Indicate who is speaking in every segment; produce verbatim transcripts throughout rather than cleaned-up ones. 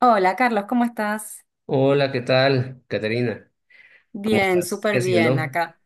Speaker 1: Hola Carlos, ¿cómo estás?
Speaker 2: Hola, ¿qué tal, Caterina? ¿Cómo
Speaker 1: Bien,
Speaker 2: estás? ¿Qué
Speaker 1: súper bien
Speaker 2: haciendo?
Speaker 1: acá.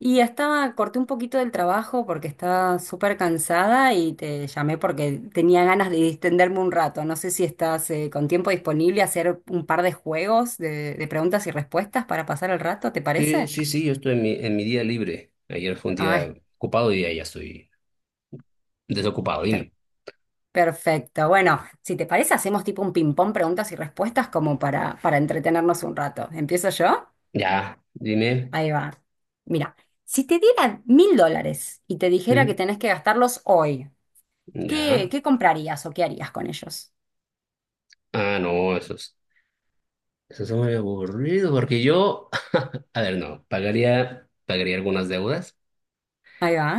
Speaker 1: Y estaba, corté un poquito del trabajo porque estaba súper cansada y te llamé porque tenía ganas de distenderme un rato. No sé si estás eh, con tiempo disponible a hacer un par de juegos de, de preguntas y respuestas para pasar el rato, ¿te
Speaker 2: Sí,
Speaker 1: parece?
Speaker 2: sí, sí, yo estoy en mi, en mi día libre. Ayer fue un
Speaker 1: Ah,
Speaker 2: día ocupado y ya ya estoy desocupado, dime.
Speaker 1: perfecto. Bueno, si te parece, hacemos tipo un ping-pong preguntas y respuestas como para, para entretenernos un rato. ¿Empiezo yo?
Speaker 2: Ya, dime.
Speaker 1: Ahí va. Mira, si te dieran mil dólares y te dijera que
Speaker 2: ¿Mm?
Speaker 1: tenés que gastarlos hoy,
Speaker 2: Ya.
Speaker 1: ¿qué, qué comprarías o qué harías con ellos?
Speaker 2: Ah, no, eso es, eso es muy aburrido porque yo, a ver, no, pagaría, pagaría algunas deudas,
Speaker 1: Ahí va.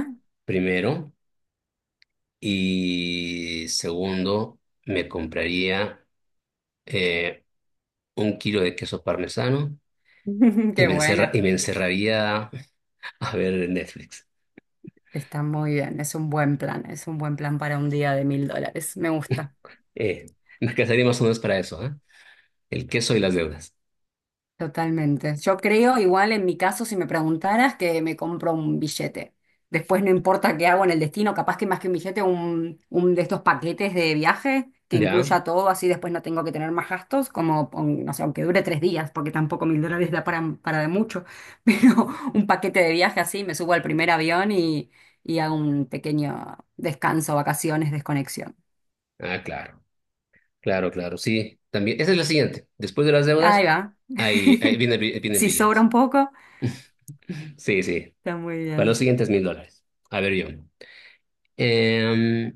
Speaker 2: primero, y segundo, me compraría eh, un kilo de queso parmesano y
Speaker 1: Qué
Speaker 2: me encerra,
Speaker 1: buena.
Speaker 2: y me encerraría a ver Netflix.
Speaker 1: Está muy bien, es un buen plan, es un buen plan para un día de mil dólares. Me gusta.
Speaker 2: Eh, Me casaría más o menos para eso, ¿eh? El queso y las deudas.
Speaker 1: Totalmente. Yo creo, igual en mi caso, si me preguntaras, que me compro un billete. Después no importa qué hago en el destino, capaz que más que un billete, un, un de estos paquetes de viaje que
Speaker 2: ¿Ya?
Speaker 1: incluya todo, así después no tengo que tener más gastos, como, pon- no sé, aunque dure tres días, porque tampoco mil dólares da para, para de mucho, pero un paquete de viaje así, me subo al primer avión y, y hago un pequeño descanso, vacaciones, desconexión.
Speaker 2: Ah, claro, claro, claro, sí. También, esa es la siguiente. Después de las
Speaker 1: Ahí
Speaker 2: deudas,
Speaker 1: va.
Speaker 2: ahí, ahí viene, el bi- viene el
Speaker 1: Si
Speaker 2: billete.
Speaker 1: sobra un poco,
Speaker 2: Sí, sí.
Speaker 1: está muy
Speaker 2: Para los
Speaker 1: bien.
Speaker 2: siguientes mil dólares. A ver, yo. Em,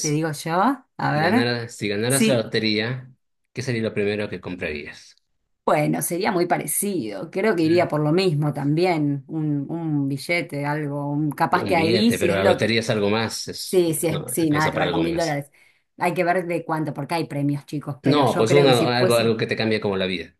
Speaker 1: Te digo yo, a
Speaker 2: si
Speaker 1: ver.
Speaker 2: ganara- si ganaras la
Speaker 1: Sí,
Speaker 2: lotería, ¿qué sería lo primero que comprarías?
Speaker 1: bueno, sería muy parecido. Creo que
Speaker 2: Mm.
Speaker 1: iría por lo mismo también. Un, un billete, algo. Un- capaz
Speaker 2: Un
Speaker 1: que ahí
Speaker 2: billete,
Speaker 1: si
Speaker 2: pero
Speaker 1: es
Speaker 2: la
Speaker 1: lote.
Speaker 2: lotería es algo más, es,
Speaker 1: Sí, sí, es,
Speaker 2: no,
Speaker 1: sí, nada
Speaker 2: alcanza
Speaker 1: que
Speaker 2: para
Speaker 1: ver con
Speaker 2: algo
Speaker 1: mil
Speaker 2: más.
Speaker 1: dólares. Hay que ver de cuánto, porque hay premios, chicos. Pero
Speaker 2: No,
Speaker 1: yo
Speaker 2: pues
Speaker 1: creo que si
Speaker 2: una, algo,
Speaker 1: fuese.
Speaker 2: algo que te cambia como la vida.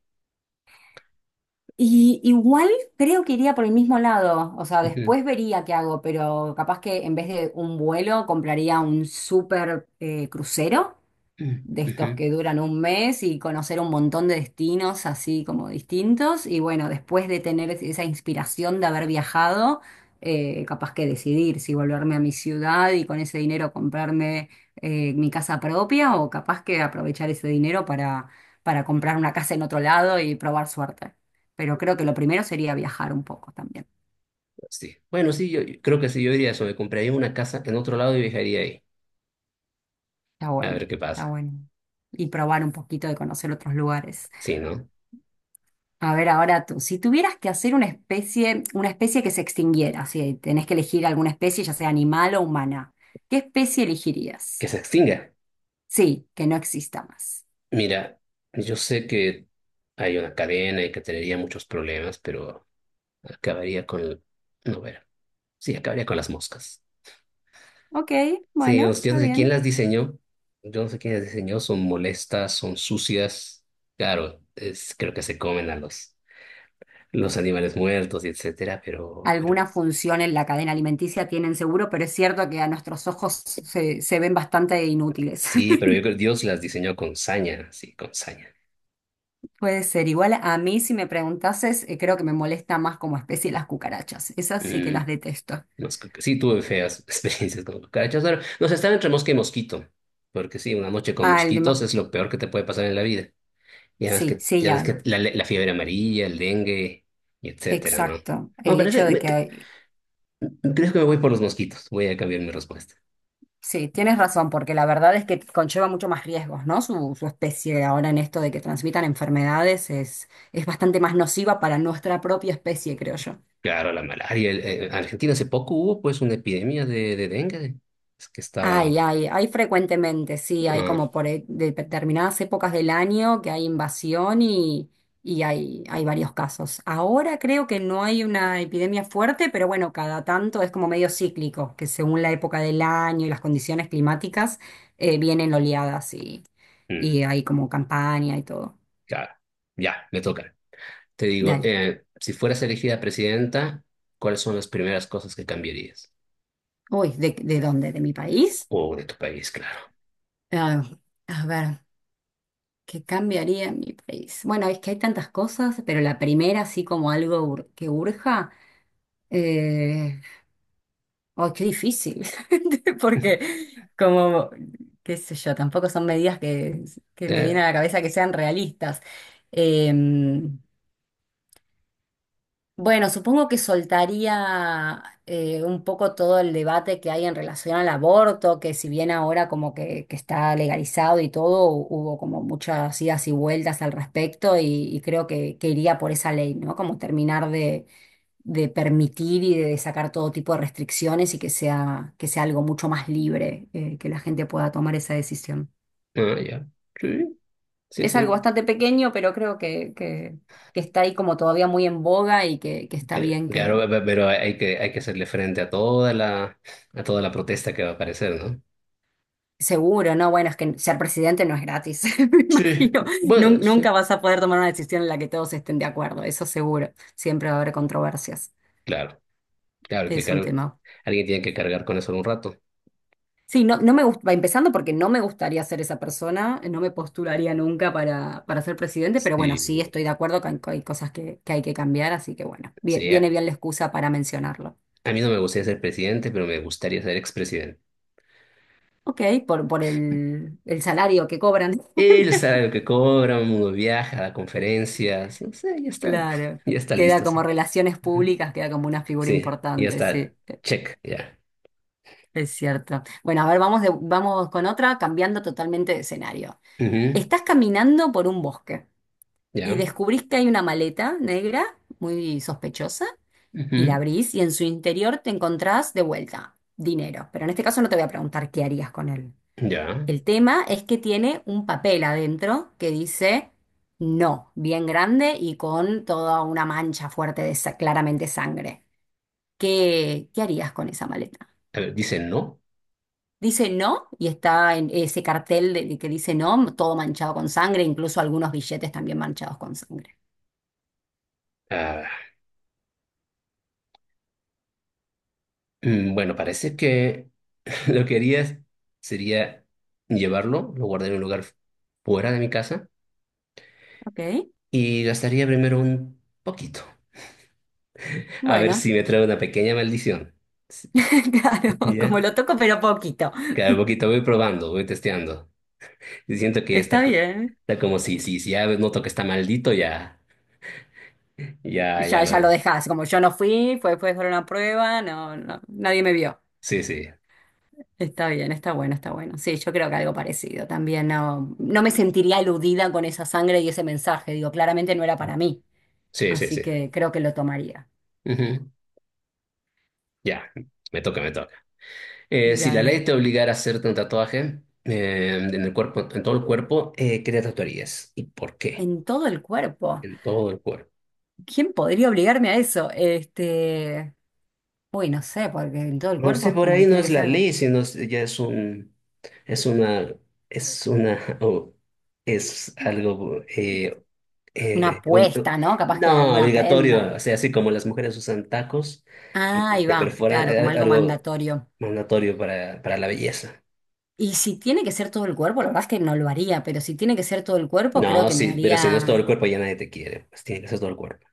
Speaker 1: Y igual creo que iría por el mismo lado. O sea, después vería qué hago, pero capaz que en vez de un vuelo compraría un super eh, crucero
Speaker 2: Mm,
Speaker 1: de estos
Speaker 2: ujú.
Speaker 1: que duran un mes y conocer un montón de destinos así como distintos. Y bueno, después de tener es- esa inspiración de haber viajado, eh, capaz que decidir si volverme a mi ciudad y con ese dinero comprarme eh, mi casa propia o capaz que aprovechar ese dinero para, para comprar una casa en otro lado y probar suerte. Pero creo que lo primero sería viajar un poco también.
Speaker 2: Sí. Bueno, sí, yo, yo creo que sí, yo diría eso, me compraría una casa en otro lado y viajaría ahí,
Speaker 1: Está
Speaker 2: a
Speaker 1: bueno,
Speaker 2: ver qué
Speaker 1: está
Speaker 2: pasa.
Speaker 1: bueno. Y probar un poquito de conocer otros lugares.
Speaker 2: Sí, ¿no?
Speaker 1: A ver, ahora tú, si tuvieras que hacer una especie, una especie que se extinguiera, si tenés que elegir alguna especie, ya sea animal o humana, ¿qué especie
Speaker 2: Que
Speaker 1: elegirías?
Speaker 2: se extinga.
Speaker 1: Sí, que no exista más.
Speaker 2: Mira, yo sé que hay una cadena y que tendría muchos problemas, pero acabaría con el. No, ver. Sí, acabaría con las moscas.
Speaker 1: Ok,
Speaker 2: Sí, yo,
Speaker 1: bueno,
Speaker 2: yo
Speaker 1: está
Speaker 2: no sé quién
Speaker 1: bien.
Speaker 2: las diseñó, yo no sé quién las diseñó, son molestas, son sucias. Claro, es, creo que se comen a los, los animales muertos y etcétera, pero,
Speaker 1: Alguna
Speaker 2: pero
Speaker 1: función en la cadena alimenticia tienen seguro, pero es cierto que a nuestros ojos se, se ven bastante inútiles.
Speaker 2: Sí, pero yo creo que Dios las diseñó con saña, sí, con saña.
Speaker 1: Puede ser. Igual a mí, si me preguntases, eh, creo que me molesta más como especie las cucarachas. Esas sí que
Speaker 2: Mm,
Speaker 1: las detesto.
Speaker 2: no es que- sí, tuve feas experiencias con cucarachas. Ahora, nos están entre mosca y mosquito, porque sí, una noche con
Speaker 1: Ah, el
Speaker 2: mosquitos
Speaker 1: ma-
Speaker 2: es lo peor que te puede pasar en la vida. Y además
Speaker 1: sí,
Speaker 2: que,
Speaker 1: sí,
Speaker 2: ya
Speaker 1: ya.
Speaker 2: ves que la, la fiebre amarilla, el dengue, y etcétera, ¿no?
Speaker 1: Exacto.
Speaker 2: No,
Speaker 1: El hecho
Speaker 2: parece,
Speaker 1: de
Speaker 2: me- que-
Speaker 1: que
Speaker 2: creo que me voy por los mosquitos, voy a cambiar mi respuesta.
Speaker 1: sí, tienes razón, porque la verdad es que conlleva mucho más riesgos, ¿no? Su, su especie ahora en esto de que transmitan enfermedades es, es bastante más nociva para nuestra propia especie, creo yo.
Speaker 2: Claro, la malaria. El- eh, en Argentina hace poco hubo pues una epidemia de, de dengue, es que
Speaker 1: Hay,
Speaker 2: estaba.
Speaker 1: hay, hay frecuentemente, sí, hay
Speaker 2: Ah,
Speaker 1: como por e- de determinadas épocas del año que hay invasión y, y hay, hay varios casos. Ahora creo que no hay una epidemia fuerte, pero bueno, cada tanto es como medio cíclico, que según la época del año y las condiciones climáticas eh, vienen oleadas y,
Speaker 2: mm,
Speaker 1: y hay como campaña y todo.
Speaker 2: claro, ya, me toca. Te digo,
Speaker 1: Dale.
Speaker 2: eh, si fueras elegida presidenta, ¿cuáles son las primeras cosas que cambiarías?
Speaker 1: Uy, ¿de, de dónde? ¿De mi país?
Speaker 2: O de tu país, claro.
Speaker 1: Ah, a ver. ¿Qué cambiaría en mi país? Bueno, es que hay tantas cosas, pero la primera, así como algo ur- que urja, eh, oh, qué difícil, porque como, qué sé yo, tampoco son medidas que, que me vienen
Speaker 2: Eh,
Speaker 1: a la cabeza que sean realistas. Eh, Bueno, supongo que soltaría eh, un poco todo el debate que hay en relación al aborto, que si bien ahora como que, que está legalizado y todo, hu- hubo como muchas idas y vueltas al respecto y, y creo que, que iría por esa ley, ¿no? Como terminar de, de permitir y de sacar todo tipo de restricciones y que sea, que sea algo mucho más libre, eh, que la gente pueda tomar esa decisión.
Speaker 2: ah, ya. Sí, sí,
Speaker 1: Es algo
Speaker 2: sí.
Speaker 1: bastante pequeño, pero creo que, que, que está ahí como todavía muy en boga y que, que está
Speaker 2: Que-
Speaker 1: bien.
Speaker 2: Claro, pe- pe- pero hay que, hay que hacerle frente a toda la, a toda la protesta que va a aparecer, ¿no?
Speaker 1: Seguro, no, bueno, es que ser presidente no es gratis, me
Speaker 2: Sí.
Speaker 1: imagino.
Speaker 2: Bueno,
Speaker 1: Nun-
Speaker 2: sí.
Speaker 1: nunca vas a poder tomar una decisión en la que todos estén de acuerdo, eso seguro. Siempre va a haber controversias.
Speaker 2: Claro, claro, que
Speaker 1: Es un
Speaker 2: cargo.
Speaker 1: tema.
Speaker 2: Alguien tiene que cargar con eso un rato.
Speaker 1: Sí, no, no me gusta, empezando porque no me gustaría ser esa persona, no me postularía nunca para, para ser presidente, pero bueno,
Speaker 2: Sí,
Speaker 1: sí estoy de acuerdo con que hay cosas que, que hay que cambiar, así que bueno, vie-
Speaker 2: sí.
Speaker 1: viene
Speaker 2: A
Speaker 1: bien la excusa para mencionarlo.
Speaker 2: a mí no me gustaría ser presidente, pero me gustaría ser expresidente.
Speaker 1: Ok, por, por el, el salario que cobran.
Speaker 2: Él sabe lo que cobra, uno viaja a conferencias, no sé, ya está,
Speaker 1: Claro,
Speaker 2: ya está
Speaker 1: queda
Speaker 2: listo.
Speaker 1: como
Speaker 2: Sí,
Speaker 1: relaciones
Speaker 2: ujú.
Speaker 1: públicas, queda como una figura
Speaker 2: Sí, ya
Speaker 1: importante,
Speaker 2: está,
Speaker 1: sí.
Speaker 2: check, ya.
Speaker 1: Es cierto. Bueno, a ver, vamos, de- vamos con otra, cambiando totalmente de escenario.
Speaker 2: Ujú,
Speaker 1: Estás caminando por un bosque y
Speaker 2: ya,
Speaker 1: descubrís que hay una maleta negra muy sospechosa y la
Speaker 2: ujú,
Speaker 1: abrís y en su interior te encontrás de vuelta dinero. Pero en este caso no te voy a preguntar qué harías con él.
Speaker 2: ya.
Speaker 1: El tema es que tiene un papel adentro que dice no, bien grande y con toda una mancha fuerte de sa- claramente sangre. ¿Qué, qué harías con esa maleta?
Speaker 2: A ver, dice no.
Speaker 1: Dice no y está en ese cartel de- que dice no, todo manchado con sangre, incluso algunos billetes también manchados con sangre.
Speaker 2: Ah, mm, bueno, parece que lo que haría sería llevarlo, lo guardaría en un lugar fuera de mi casa
Speaker 1: Ok,
Speaker 2: y gastaría primero un poquito. A ver
Speaker 1: bueno,
Speaker 2: si me trae una pequeña maldición. Sí,
Speaker 1: claro,
Speaker 2: ya,
Speaker 1: como lo toco pero poquito.
Speaker 2: cada poquito voy probando, voy testeando. Y siento que
Speaker 1: Está
Speaker 2: está, co-
Speaker 1: bien.
Speaker 2: está como si, si, si ya noto que está maldito, ya, ya, ya
Speaker 1: Ya,
Speaker 2: lo
Speaker 1: ya lo
Speaker 2: de.
Speaker 1: dejas, como yo no fui, fue, fue por una prueba, no, no, nadie me vio.
Speaker 2: Sí, sí.
Speaker 1: Está bien, está bueno, está bueno. Sí, yo creo que algo parecido también. No, no me sentiría eludida con esa sangre y ese mensaje. Digo, claramente no era para mí.
Speaker 2: Sí, sí,
Speaker 1: Así
Speaker 2: sí.
Speaker 1: que creo que lo tomaría.
Speaker 2: Ujú. Ya, me toca, me toca. Eh, si la ley
Speaker 1: Dale.
Speaker 2: te obligara a hacerte un tatuaje eh, en el cuerpo, en todo el cuerpo, eh, ¿qué te tatuarías? ¿Y por qué?
Speaker 1: En todo el cuerpo.
Speaker 2: En todo el cuerpo.
Speaker 1: ¿Quién podría obligarme a eso? Este, uy, no sé, porque en todo el
Speaker 2: No
Speaker 1: cuerpo
Speaker 2: sé,
Speaker 1: es
Speaker 2: por
Speaker 1: como
Speaker 2: ahí
Speaker 1: que
Speaker 2: no
Speaker 1: tiene
Speaker 2: es
Speaker 1: que
Speaker 2: la
Speaker 1: ser algo,
Speaker 2: ley, sino es- ya es un, es una, es una, o es algo eh,
Speaker 1: una
Speaker 2: Eh, ob-
Speaker 1: apuesta, ¿no? Capaz que
Speaker 2: no,
Speaker 1: alguna
Speaker 2: obligatorio,
Speaker 1: prenda.
Speaker 2: o sea, así como las mujeres usan tacos y
Speaker 1: Ah,
Speaker 2: y
Speaker 1: ahí
Speaker 2: te
Speaker 1: va,
Speaker 2: perforan,
Speaker 1: claro, como
Speaker 2: eh,
Speaker 1: algo
Speaker 2: algo
Speaker 1: mandatorio.
Speaker 2: mandatorio para, para la belleza.
Speaker 1: Y si tiene que ser todo el cuerpo, la verdad es que no lo haría, pero si tiene que ser todo el cuerpo, creo
Speaker 2: No,
Speaker 1: que me
Speaker 2: sí, pero si no es todo el
Speaker 1: haría.
Speaker 2: cuerpo ya nadie te quiere, pues tiene que ser todo el cuerpo.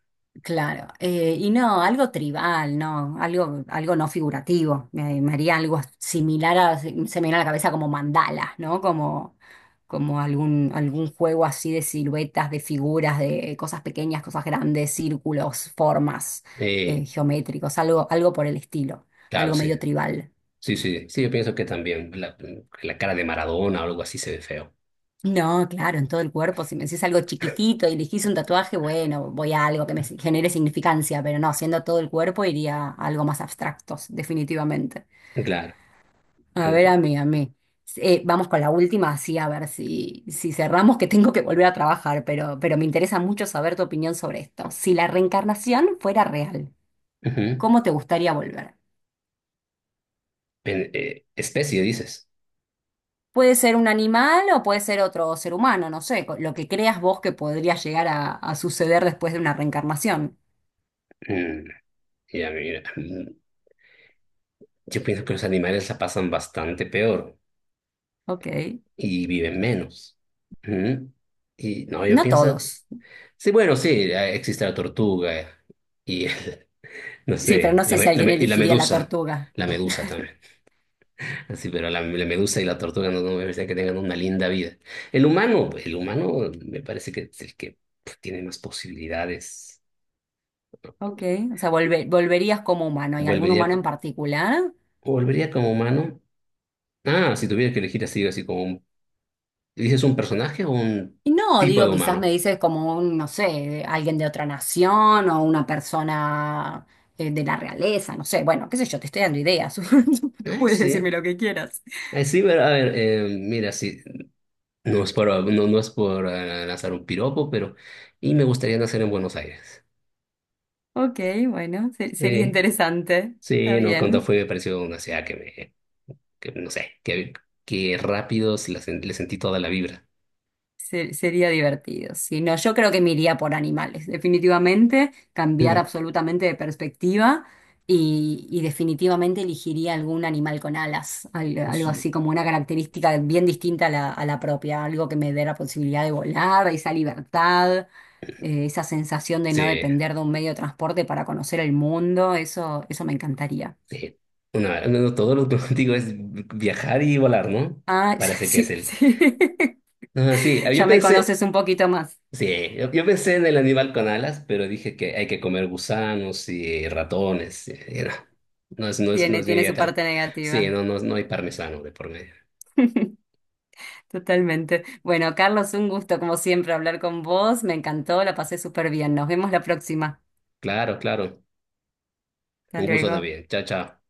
Speaker 1: Claro, eh, y no, algo tribal, no, algo, algo no figurativo, me, me haría algo similar a, se me viene a la cabeza como mandalas, ¿no? Como, como algún, algún juego así de siluetas, de figuras, de cosas pequeñas, cosas grandes, círculos, formas,
Speaker 2: Eh,
Speaker 1: eh, geométricos, algo, algo por el estilo,
Speaker 2: claro,
Speaker 1: algo
Speaker 2: sí,
Speaker 1: medio tribal.
Speaker 2: sí, sí, sí, yo pienso que también la, la cara de Maradona o algo así se ve feo.
Speaker 1: No, claro, en todo el cuerpo. Si me decís algo chiquitito y elegís un tatuaje, bueno, voy a algo que me genere significancia, pero no, siendo todo el cuerpo iría a algo más abstractos, definitivamente.
Speaker 2: Claro.
Speaker 1: A ver, a mí, a mí. Eh, vamos con la última, así a ver si, si cerramos, que tengo que volver a trabajar, pero, pero me interesa mucho saber tu opinión sobre esto. Si la reencarnación fuera real,
Speaker 2: Ujú.
Speaker 1: ¿cómo te gustaría volver?
Speaker 2: En- eh, especie, dices.
Speaker 1: Puede ser un animal o puede ser otro ser humano, no sé, co- lo que creas vos que podría llegar a, a suceder después de una reencarnación.
Speaker 2: Mm, ya, mira, mm, yo pienso que los animales la pasan bastante peor.
Speaker 1: Ok.
Speaker 2: Y viven menos. Ujú. Y no, yo
Speaker 1: No
Speaker 2: pienso,
Speaker 1: todos.
Speaker 2: sí, bueno, sí, eh, existe la tortuga eh, y, no
Speaker 1: Sí, pero
Speaker 2: sé,
Speaker 1: no
Speaker 2: la,
Speaker 1: sé si
Speaker 2: me- la
Speaker 1: alguien
Speaker 2: me- y la
Speaker 1: elegiría la
Speaker 2: medusa,
Speaker 1: tortuga.
Speaker 2: la medusa también. Ah, sí, pero la, la medusa y la tortuga no, no me parece que tengan una linda vida. El humano, el humano me parece que es el que pf, tiene más posibilidades.
Speaker 1: Ok. O sea, volve- volverías como humano. ¿Y algún
Speaker 2: Volvería,
Speaker 1: humano en
Speaker 2: co-
Speaker 1: particular?
Speaker 2: volvería como humano. Ah, si tuviera que elegir así, así como un, ¿dices un personaje o un
Speaker 1: Y no,
Speaker 2: tipo de
Speaker 1: digo, quizás me
Speaker 2: humano?
Speaker 1: dices como un, no sé, alguien de otra nación o una persona eh, de la realeza, no sé. Bueno, qué sé yo, te estoy dando ideas. Tú
Speaker 2: Ay,
Speaker 1: puedes decirme
Speaker 2: sí.
Speaker 1: lo que quieras.
Speaker 2: Ay, sí, pero a ver, eh, mira, sí. No es por, no, no es por eh, lanzar un piropo, pero. Y me gustaría nacer en Buenos Aires.
Speaker 1: Ok, bueno, se- sería
Speaker 2: Sí,
Speaker 1: interesante. Está
Speaker 2: sí, no, cuando
Speaker 1: bien.
Speaker 2: fui me pareció una ciudad que me. Que, no sé, que, que rápido se la sen- le sentí toda la vibra.
Speaker 1: Se- sería divertido. Sí, no, yo creo que me iría por animales, definitivamente, cambiar
Speaker 2: Mm,
Speaker 1: absolutamente de perspectiva y, y definitivamente elegiría algún animal con alas, al- algo
Speaker 2: sí,
Speaker 1: así como una característica bien distinta a la, a la propia, algo que me dé la posibilidad de volar, esa libertad, eh, esa sensación de no
Speaker 2: sí.
Speaker 1: depender de un medio de transporte para conocer el mundo, eso, eso me encantaría.
Speaker 2: Sí. Una- no, no, todo lo que digo es viajar y volar, ¿no?
Speaker 1: Ah,
Speaker 2: Parece que es
Speaker 1: sí,
Speaker 2: el.
Speaker 1: sí.
Speaker 2: Ah, sí,
Speaker 1: Ya
Speaker 2: yo
Speaker 1: me
Speaker 2: pensé.
Speaker 1: conoces un poquito más.
Speaker 2: Sí, yo, yo pensé en el animal con alas, pero dije que hay que comer gusanos y ratones. Y no, no es, no es, no
Speaker 1: Tiene,
Speaker 2: es mi
Speaker 1: tiene su
Speaker 2: dieta.
Speaker 1: parte
Speaker 2: Sí,
Speaker 1: negativa.
Speaker 2: no, no, no hay parmesano de por medio.
Speaker 1: Totalmente. Bueno, Carlos, un gusto como siempre hablar con vos. Me encantó, la pasé súper bien. Nos vemos la próxima.
Speaker 2: Claro, claro.
Speaker 1: Hasta
Speaker 2: Un gusto
Speaker 1: luego.
Speaker 2: también. Chao, chao.